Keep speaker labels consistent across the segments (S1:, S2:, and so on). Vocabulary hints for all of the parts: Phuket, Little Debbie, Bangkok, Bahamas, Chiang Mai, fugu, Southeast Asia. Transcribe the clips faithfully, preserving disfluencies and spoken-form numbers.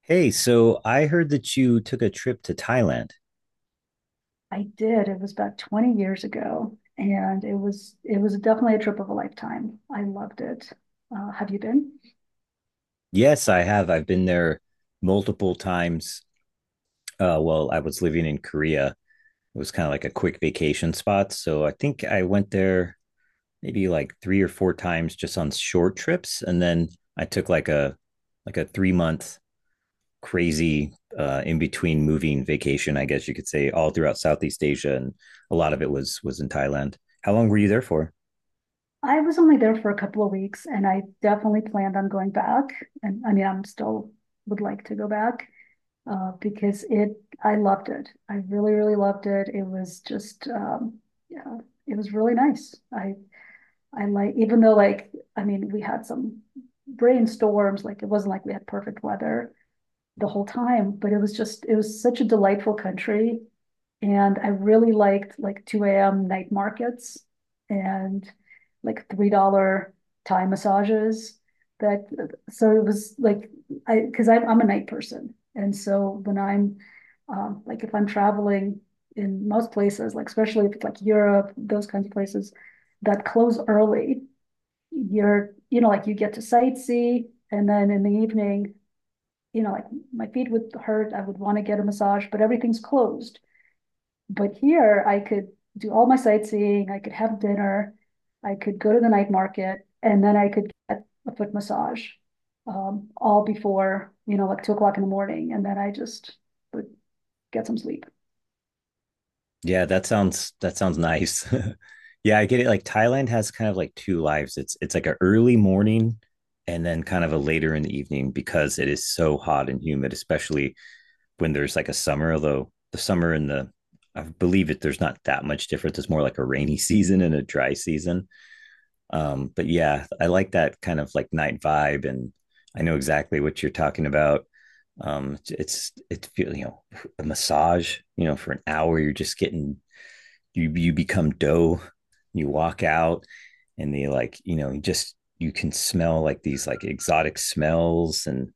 S1: Hey, so I heard that you took a trip to Thailand.
S2: I did. It was about twenty years ago, and it was it was definitely a trip of a lifetime. I loved it. Uh, have you been?
S1: Yes, I have. I've been there multiple times. Uh, well, I was living in Korea. It was kind of like a quick vacation spot. So I think I went there maybe like three or four times just on short trips. And then I took like a like a three month crazy uh, in between moving vacation, I guess you could say, all throughout Southeast Asia, and a lot of it was was in Thailand. How long were you there for?
S2: I was only there for a couple of weeks, and I definitely planned on going back. And I mean, I'm still would like to go back uh, because it. I loved it. I really, really loved it. It was just, um, yeah, it was really nice. I I like even though like I mean, we had some brainstorms. Like it wasn't like we had perfect weather the whole time, but it was just it was such a delightful country, and I really liked like two a m night markets and like three dollars Thai massages. That so it was like I because I'm I'm a night person, and so when I'm um, like if I'm traveling in most places, like especially if it's like Europe, those kinds of places that close early, you're you know like you get to sightsee, and then in the evening you know, like my feet would hurt. I would want to get a massage, but everything's closed. But here I could do all my sightseeing. I could have dinner. I could go to the night market and then I could get a foot massage um, all before, you know, like two o'clock in the morning. And then I just would get some sleep.
S1: Yeah, that sounds that sounds nice. Yeah, I get it. Like Thailand has kind of like two lives. It's it's like an early morning and then kind of a later in the evening because it is so hot and humid, especially when there's like a summer, although the summer and the I believe it there's not that much difference. It's more like a rainy season and a dry season. Um, but yeah, I like that kind of like night vibe, and I know exactly what you're talking about. Um, it's it's it you know a massage you know for an hour you're just getting, you you become dough, you walk out and they like, you know just you can smell like these like exotic smells and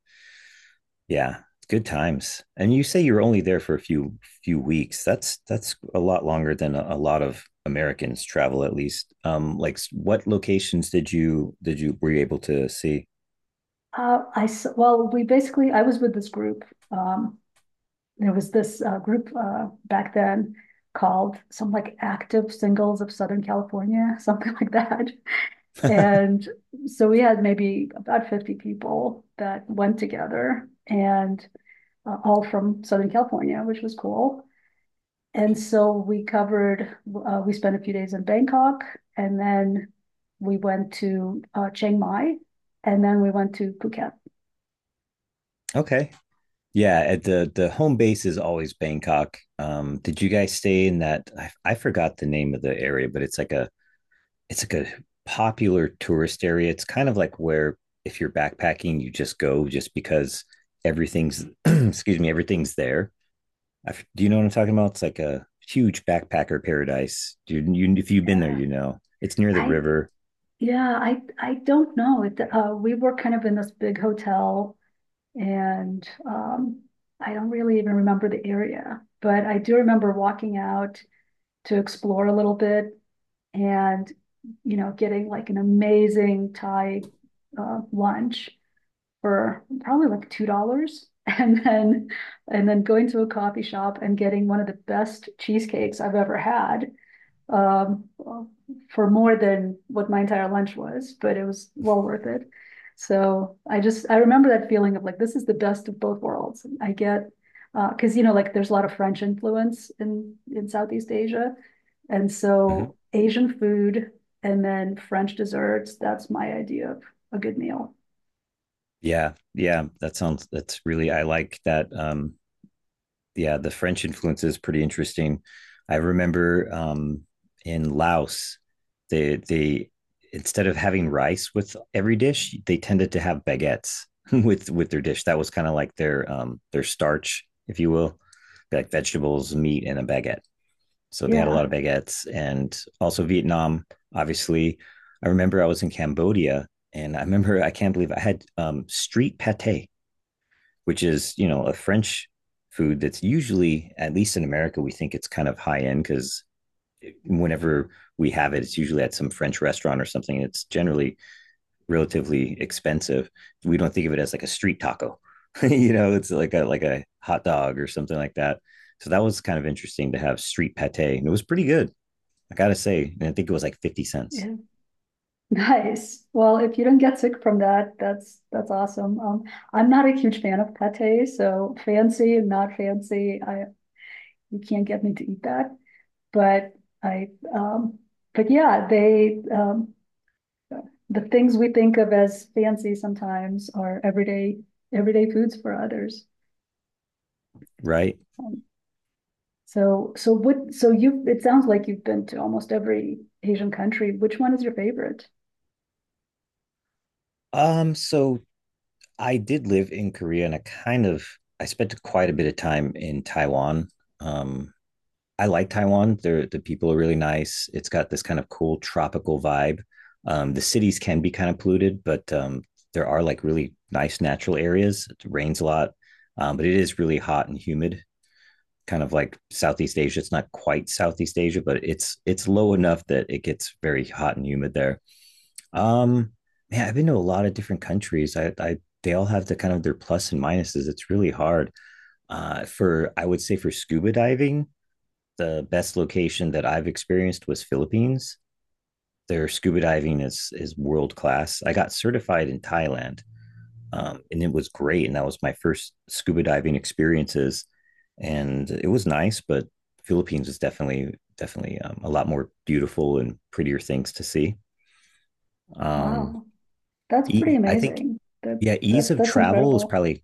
S1: yeah, good times. And you say you're only there for a few few weeks. That's that's a lot longer than a, a lot of Americans travel, at least. Um like what locations did you did you were you able to see?
S2: Uh, I, s- well, we basically, I was with this group. Um, there was this uh, group uh, back then called some like Active Singles of Southern California, something like that. And so we had maybe about fifty people that went together and uh, all from Southern California, which was cool. And so we covered, uh, we spent a few days in Bangkok and then we went to uh, Chiang Mai and then we went to Phuket.
S1: Okay. Yeah, at the the home base is always Bangkok. Um did you guys stay in that, i, I forgot the name of the area, but it's like a it's like a popular tourist area. It's kind of like where, if you're backpacking, you just go just because everything's excuse me, everything's there. I, do you know what I'm talking about? It's like a huge backpacker paradise. You, you if you've been there,
S2: Yeah.
S1: you know it's near the
S2: I,
S1: river.
S2: yeah, I, I don't know. It, uh, we were kind of in this big hotel and um, I don't really even remember the area, but I do remember walking out to explore a little bit and, you know, getting like an amazing Thai uh, lunch for probably like two dollars and then and then going to a coffee shop and getting one of the best cheesecakes I've ever had um, for more than what my entire lunch was, but it was well worth it. So I just I remember that feeling of like this is the best of both worlds. I get because you know like there's a lot of French influence in in Southeast Asia, and
S1: Mhm.
S2: so Asian food and then French desserts. That's my idea of a good meal.
S1: Yeah, yeah, that sounds that's really, I like that. Um, yeah, the French influence is pretty interesting. I remember um, in Laos, they they instead of having rice with every dish, they tended to have baguettes with with their dish. That was kind of like their um, their starch, if you will, like vegetables, meat, and a baguette. So they had a lot of
S2: Yeah,
S1: baguettes, and also Vietnam. Obviously, I remember I was in Cambodia, and I remember I can't believe I had um, street pate, which is, you know, a French food that's usually, at least in America, we think it's kind of high end because whenever we have it, it's usually at some French restaurant or something. It's generally relatively expensive. We don't think of it as like a street taco, you know, it's like a like a hot dog or something like that. So that was kind of interesting to have street pate, and it was pretty good. I gotta say, and I think it was like fifty cents.
S2: yeah. Nice. Well, if you don't get sick from that, that's that's awesome. Um, I'm not a huge fan of pate, so fancy and not fancy, I you can't get me to eat that. But I, um, but yeah, they um, the things we think of as fancy sometimes are everyday everyday foods for others.
S1: Right.
S2: Um, so so what so you it sounds like you've been to almost every Asian country. Which one is your favorite?
S1: Um, so I did live in Korea, and I kind of I spent quite a bit of time in Taiwan. Um, I like Taiwan. They're, the people are really nice. It's got this kind of cool tropical vibe. Um, the cities can be kind of polluted, but um, there are like really nice natural areas. It rains a lot, um, but it is really hot and humid, kind of like Southeast Asia. It's not quite Southeast Asia, but it's it's low enough that it gets very hot and humid there. Um, Man, I've been to a lot of different countries. I, I they all have the kind of their plus and minuses. It's really hard uh, for I would say for scuba diving the best location that I've experienced was Philippines. Their scuba diving is is world class. I got certified in Thailand, um, and it was great. And that was my first scuba diving experiences, and it was nice. But Philippines is definitely definitely um, a lot more beautiful and prettier things to see. Um,
S2: Wow, that's pretty
S1: e- I think
S2: amazing. That
S1: yeah, ease
S2: that
S1: of
S2: that's
S1: travel is
S2: incredible.
S1: probably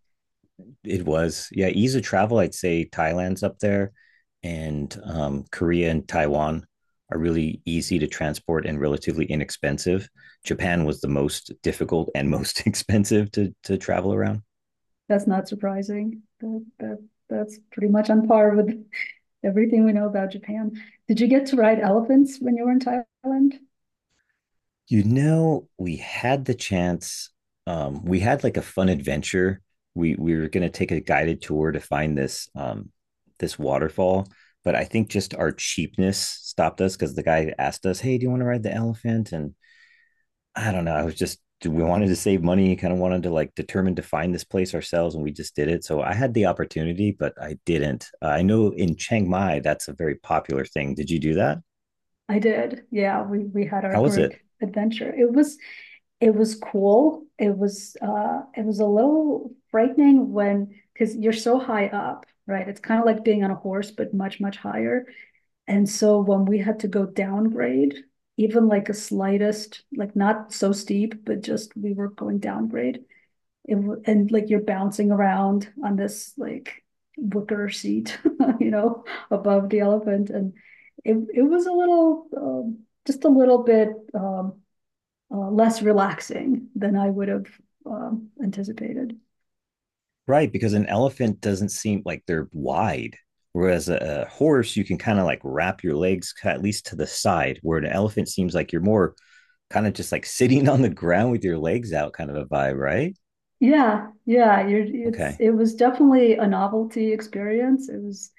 S1: It was. Yeah, ease of travel, I'd say Thailand's up there, and um, Korea and Taiwan are really easy to transport and relatively inexpensive. Japan was the most difficult and most expensive to to travel around.
S2: That's not surprising. That, that, that's pretty much on par with everything we know about Japan. Did you get to ride elephants when you were in Thailand?
S1: You know, we had the chance. Um, we had like a fun adventure. We we were going to take a guided tour to find this um, this waterfall, but I think just our cheapness stopped us because the guy asked us, "Hey, do you want to ride the elephant?" And I don't know. I was just we wanted to save money. Kind of wanted to like determine to find this place ourselves, and we just did it. So I had the opportunity, but I didn't. Uh, I know in Chiang Mai that's a very popular thing. Did you do that?
S2: I did. Yeah, we we had our
S1: How was
S2: group
S1: it?
S2: adventure. It was it was cool. It was uh it was a little frightening when because you're so high up, right? It's kind of like being on a horse, but much, much higher. And so when we had to go downgrade, even like a slightest, like not so steep, but just we were going downgrade. It, and like you're bouncing around on this like wicker seat, you know, above the elephant. And it, it was a little, um, just a little bit um, uh, less relaxing than I would have um, anticipated.
S1: Right, because an elephant doesn't seem like they're wide, whereas a, a horse you can kind of like wrap your legs ki- at least to the side, where an elephant seems like you're more kind of just like sitting on the ground with your legs out, kind of a vibe, right?
S2: Yeah, yeah, you're, it's
S1: Okay.
S2: it was definitely a novelty experience. It was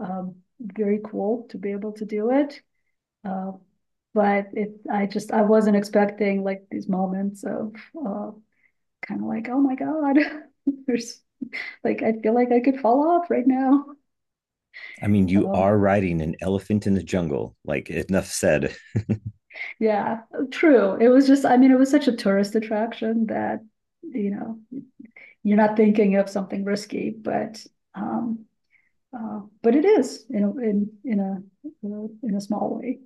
S2: um, very cool to be able to do it, uh, but it I just I wasn't expecting like these moments of uh, kind of like oh my God, there's like I feel like I could fall off right now.
S1: I mean, you
S2: Um,
S1: are riding an elephant in the jungle. Like enough said.
S2: yeah, true. It was just I mean it was such a tourist attraction that you know you're not thinking of something risky, but um, Uh, but it is in a, in in a in a small way.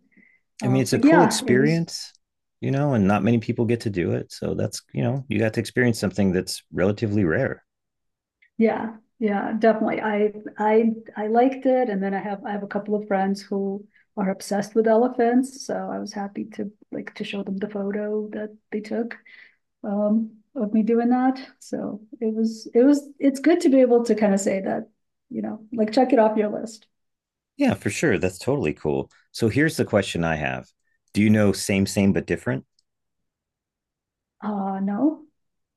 S1: I
S2: Uh,
S1: mean, it's a
S2: but
S1: cool
S2: yeah, it was
S1: experience, you know, and not many people get to do it. So that's, you know, you got to experience something that's relatively rare.
S2: yeah yeah definitely. I I I liked it, and then I have I have a couple of friends who are obsessed with elephants, so I was happy to like to show them the photo that they took um, of me doing that. So it was it was it's good to be able to kind of say that you know like check it off your list.
S1: Yeah, for sure. That's totally cool. So here's the question I have, do you know same, same, but different?
S2: Uh no,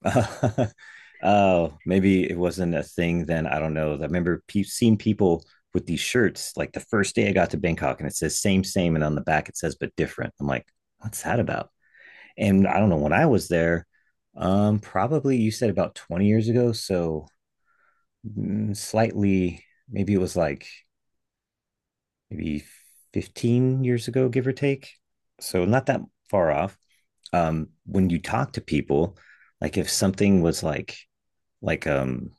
S1: Oh, uh, maybe it wasn't a thing then. I don't know. I remember pe- seeing people with these shirts like the first day I got to Bangkok, and it says same, same. And on the back it says but different. I'm like, what's that about? And I don't know, when I was there, um, probably you said about twenty years ago. So mm, slightly, maybe it was like maybe fifteen years ago, give or take. So not that far off. Um, when you talk to people, like if something was like, like, um,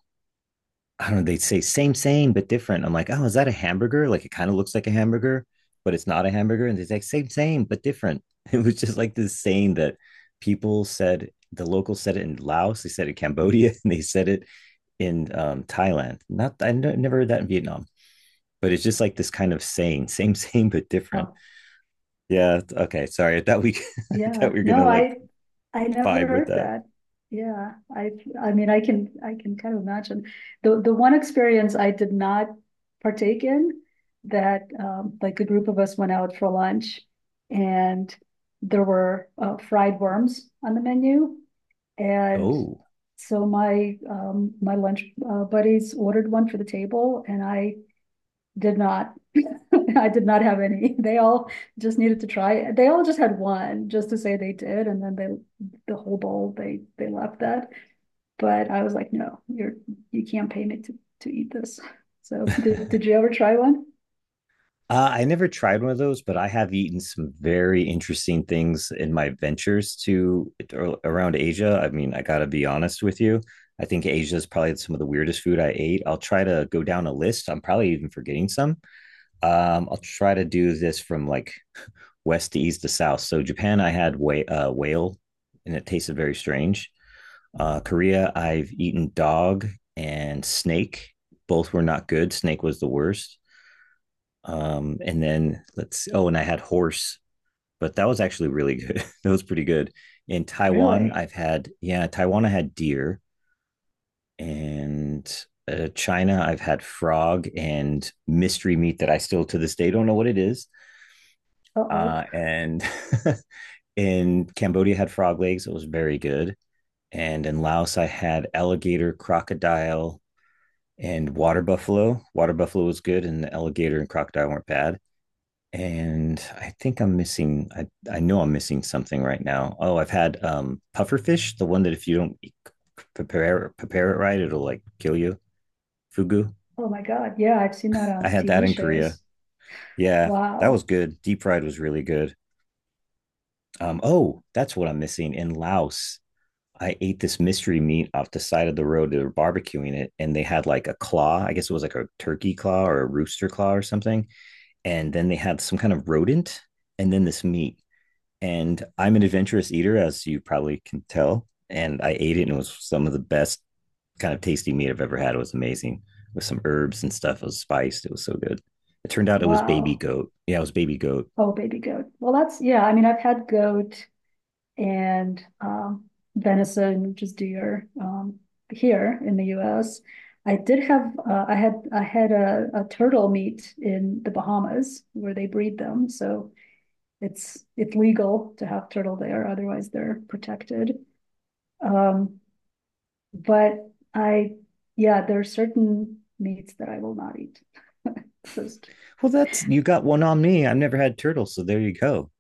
S1: I don't know, they'd say same, same, but different. I'm like, oh, is that a hamburger? Like it kind of looks like a hamburger, but it's not a hamburger. And they're like, same, same, but different. It was just like this saying that people said, the locals said it in Laos, they said it in Cambodia, and they said it in um, Thailand. Not I never heard that in Vietnam. But it's just like this kind of saying, same, same, but different.
S2: oh
S1: Yeah. Okay. Sorry. I thought we, I
S2: yeah,
S1: thought we were
S2: no,
S1: gonna like
S2: I I never
S1: vibe with
S2: heard
S1: that.
S2: that. Yeah, I I mean I can I can kind of imagine. The the one experience I did not partake in that um, like a group of us went out for lunch and there were uh, fried worms on the menu and
S1: Oh.
S2: so my um, my lunch uh, buddies ordered one for the table and I did not. I did not have any. They all just needed to try. They all just had one just to say they did, and then they the whole bowl they they left that. But I was like, no, you're you can't pay me to to eat this. So did did you ever try one?
S1: Uh, I never tried one of those, but I have eaten some very interesting things in my ventures to around Asia. I mean, I got to be honest with you. I think Asia is probably some of the weirdest food I ate. I'll try to go down a list. I'm probably even forgetting some. Um, I'll try to do this from like west to east to south. So Japan, I had wh- uh, whale, and it tasted very strange. Uh, Korea, I've eaten dog and snake. Both were not good. Snake was the worst. Um, and then let's, oh, and I had horse, but that was actually really good. That was pretty good. In Taiwan,
S2: Really?
S1: I've had, yeah, Taiwan, I had deer. And uh, China, I've had frog and mystery meat that I still to this day don't know what it is.
S2: Uh oh.
S1: Uh, and in Cambodia, I had frog legs. It was very good. And in Laos, I had alligator, crocodile, and water buffalo. Water buffalo was good, and the alligator and crocodile weren't bad. And I think I'm missing. I I know I'm missing something right now. Oh, I've had um pufferfish, the one that if you don't e- prepare prepare it right, it'll like kill you. Fugu.
S2: Oh my God. Yeah, I've seen that
S1: I
S2: on
S1: had that
S2: T V
S1: in Korea.
S2: shows.
S1: Yeah, that was
S2: Wow.
S1: good. Deep fried was really good. Um, oh, that's what I'm missing in Laos. I ate this mystery meat off the side of the road. They were barbecuing it, and they had like a claw. I guess it was like a turkey claw or a rooster claw or something. And then they had some kind of rodent and then this meat. And I'm an adventurous eater, as you probably can tell. And I ate it, and it was some of the best kind of tasty meat I've ever had. It was amazing with some herbs and stuff. It was spiced. It was so good. It turned out it was baby
S2: Wow.
S1: goat. Yeah, it was baby goat.
S2: Oh, baby goat. Well, that's yeah. I mean, I've had goat and um, venison, which is deer um, here in the U S. I did have uh, I had I had a, a turtle meat in the Bahamas where they breed them, so it's it's legal to have turtle there. Otherwise, they're protected. Um, but I yeah, there are certain meats that I will not eat. Just
S1: Well, that's you got one on me. I've never had turtle, so there you go.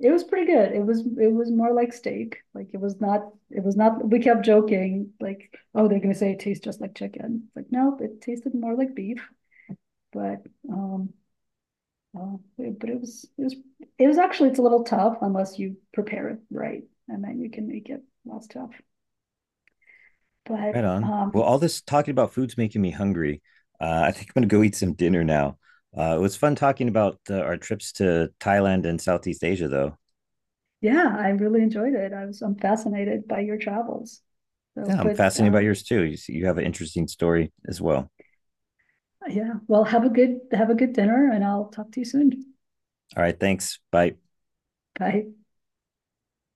S2: it was pretty good. It was it was more like steak. Like it was not it was not we kept joking, like, oh, they're gonna say it tastes just like chicken. It's like, no, it tasted more like beef, but um uh, it- but it was it was it was actually it's a little tough unless you prepare it right and then you can make it less tough.
S1: Right
S2: But
S1: on. Well,
S2: um
S1: all this talking about food's making me hungry. Uh, I think I'm gonna go eat some dinner now. Uh, it was fun talking about uh, our trips to Thailand and Southeast Asia, though.
S2: yeah, I really enjoyed it. I was I'm fascinated by your travels. So
S1: Yeah, I'm
S2: but
S1: fascinated by
S2: um
S1: yours too. You, you have an interesting story as well.
S2: yeah, well have a good have a good dinner and I'll talk to you soon.
S1: All right, thanks. Bye.
S2: Bye.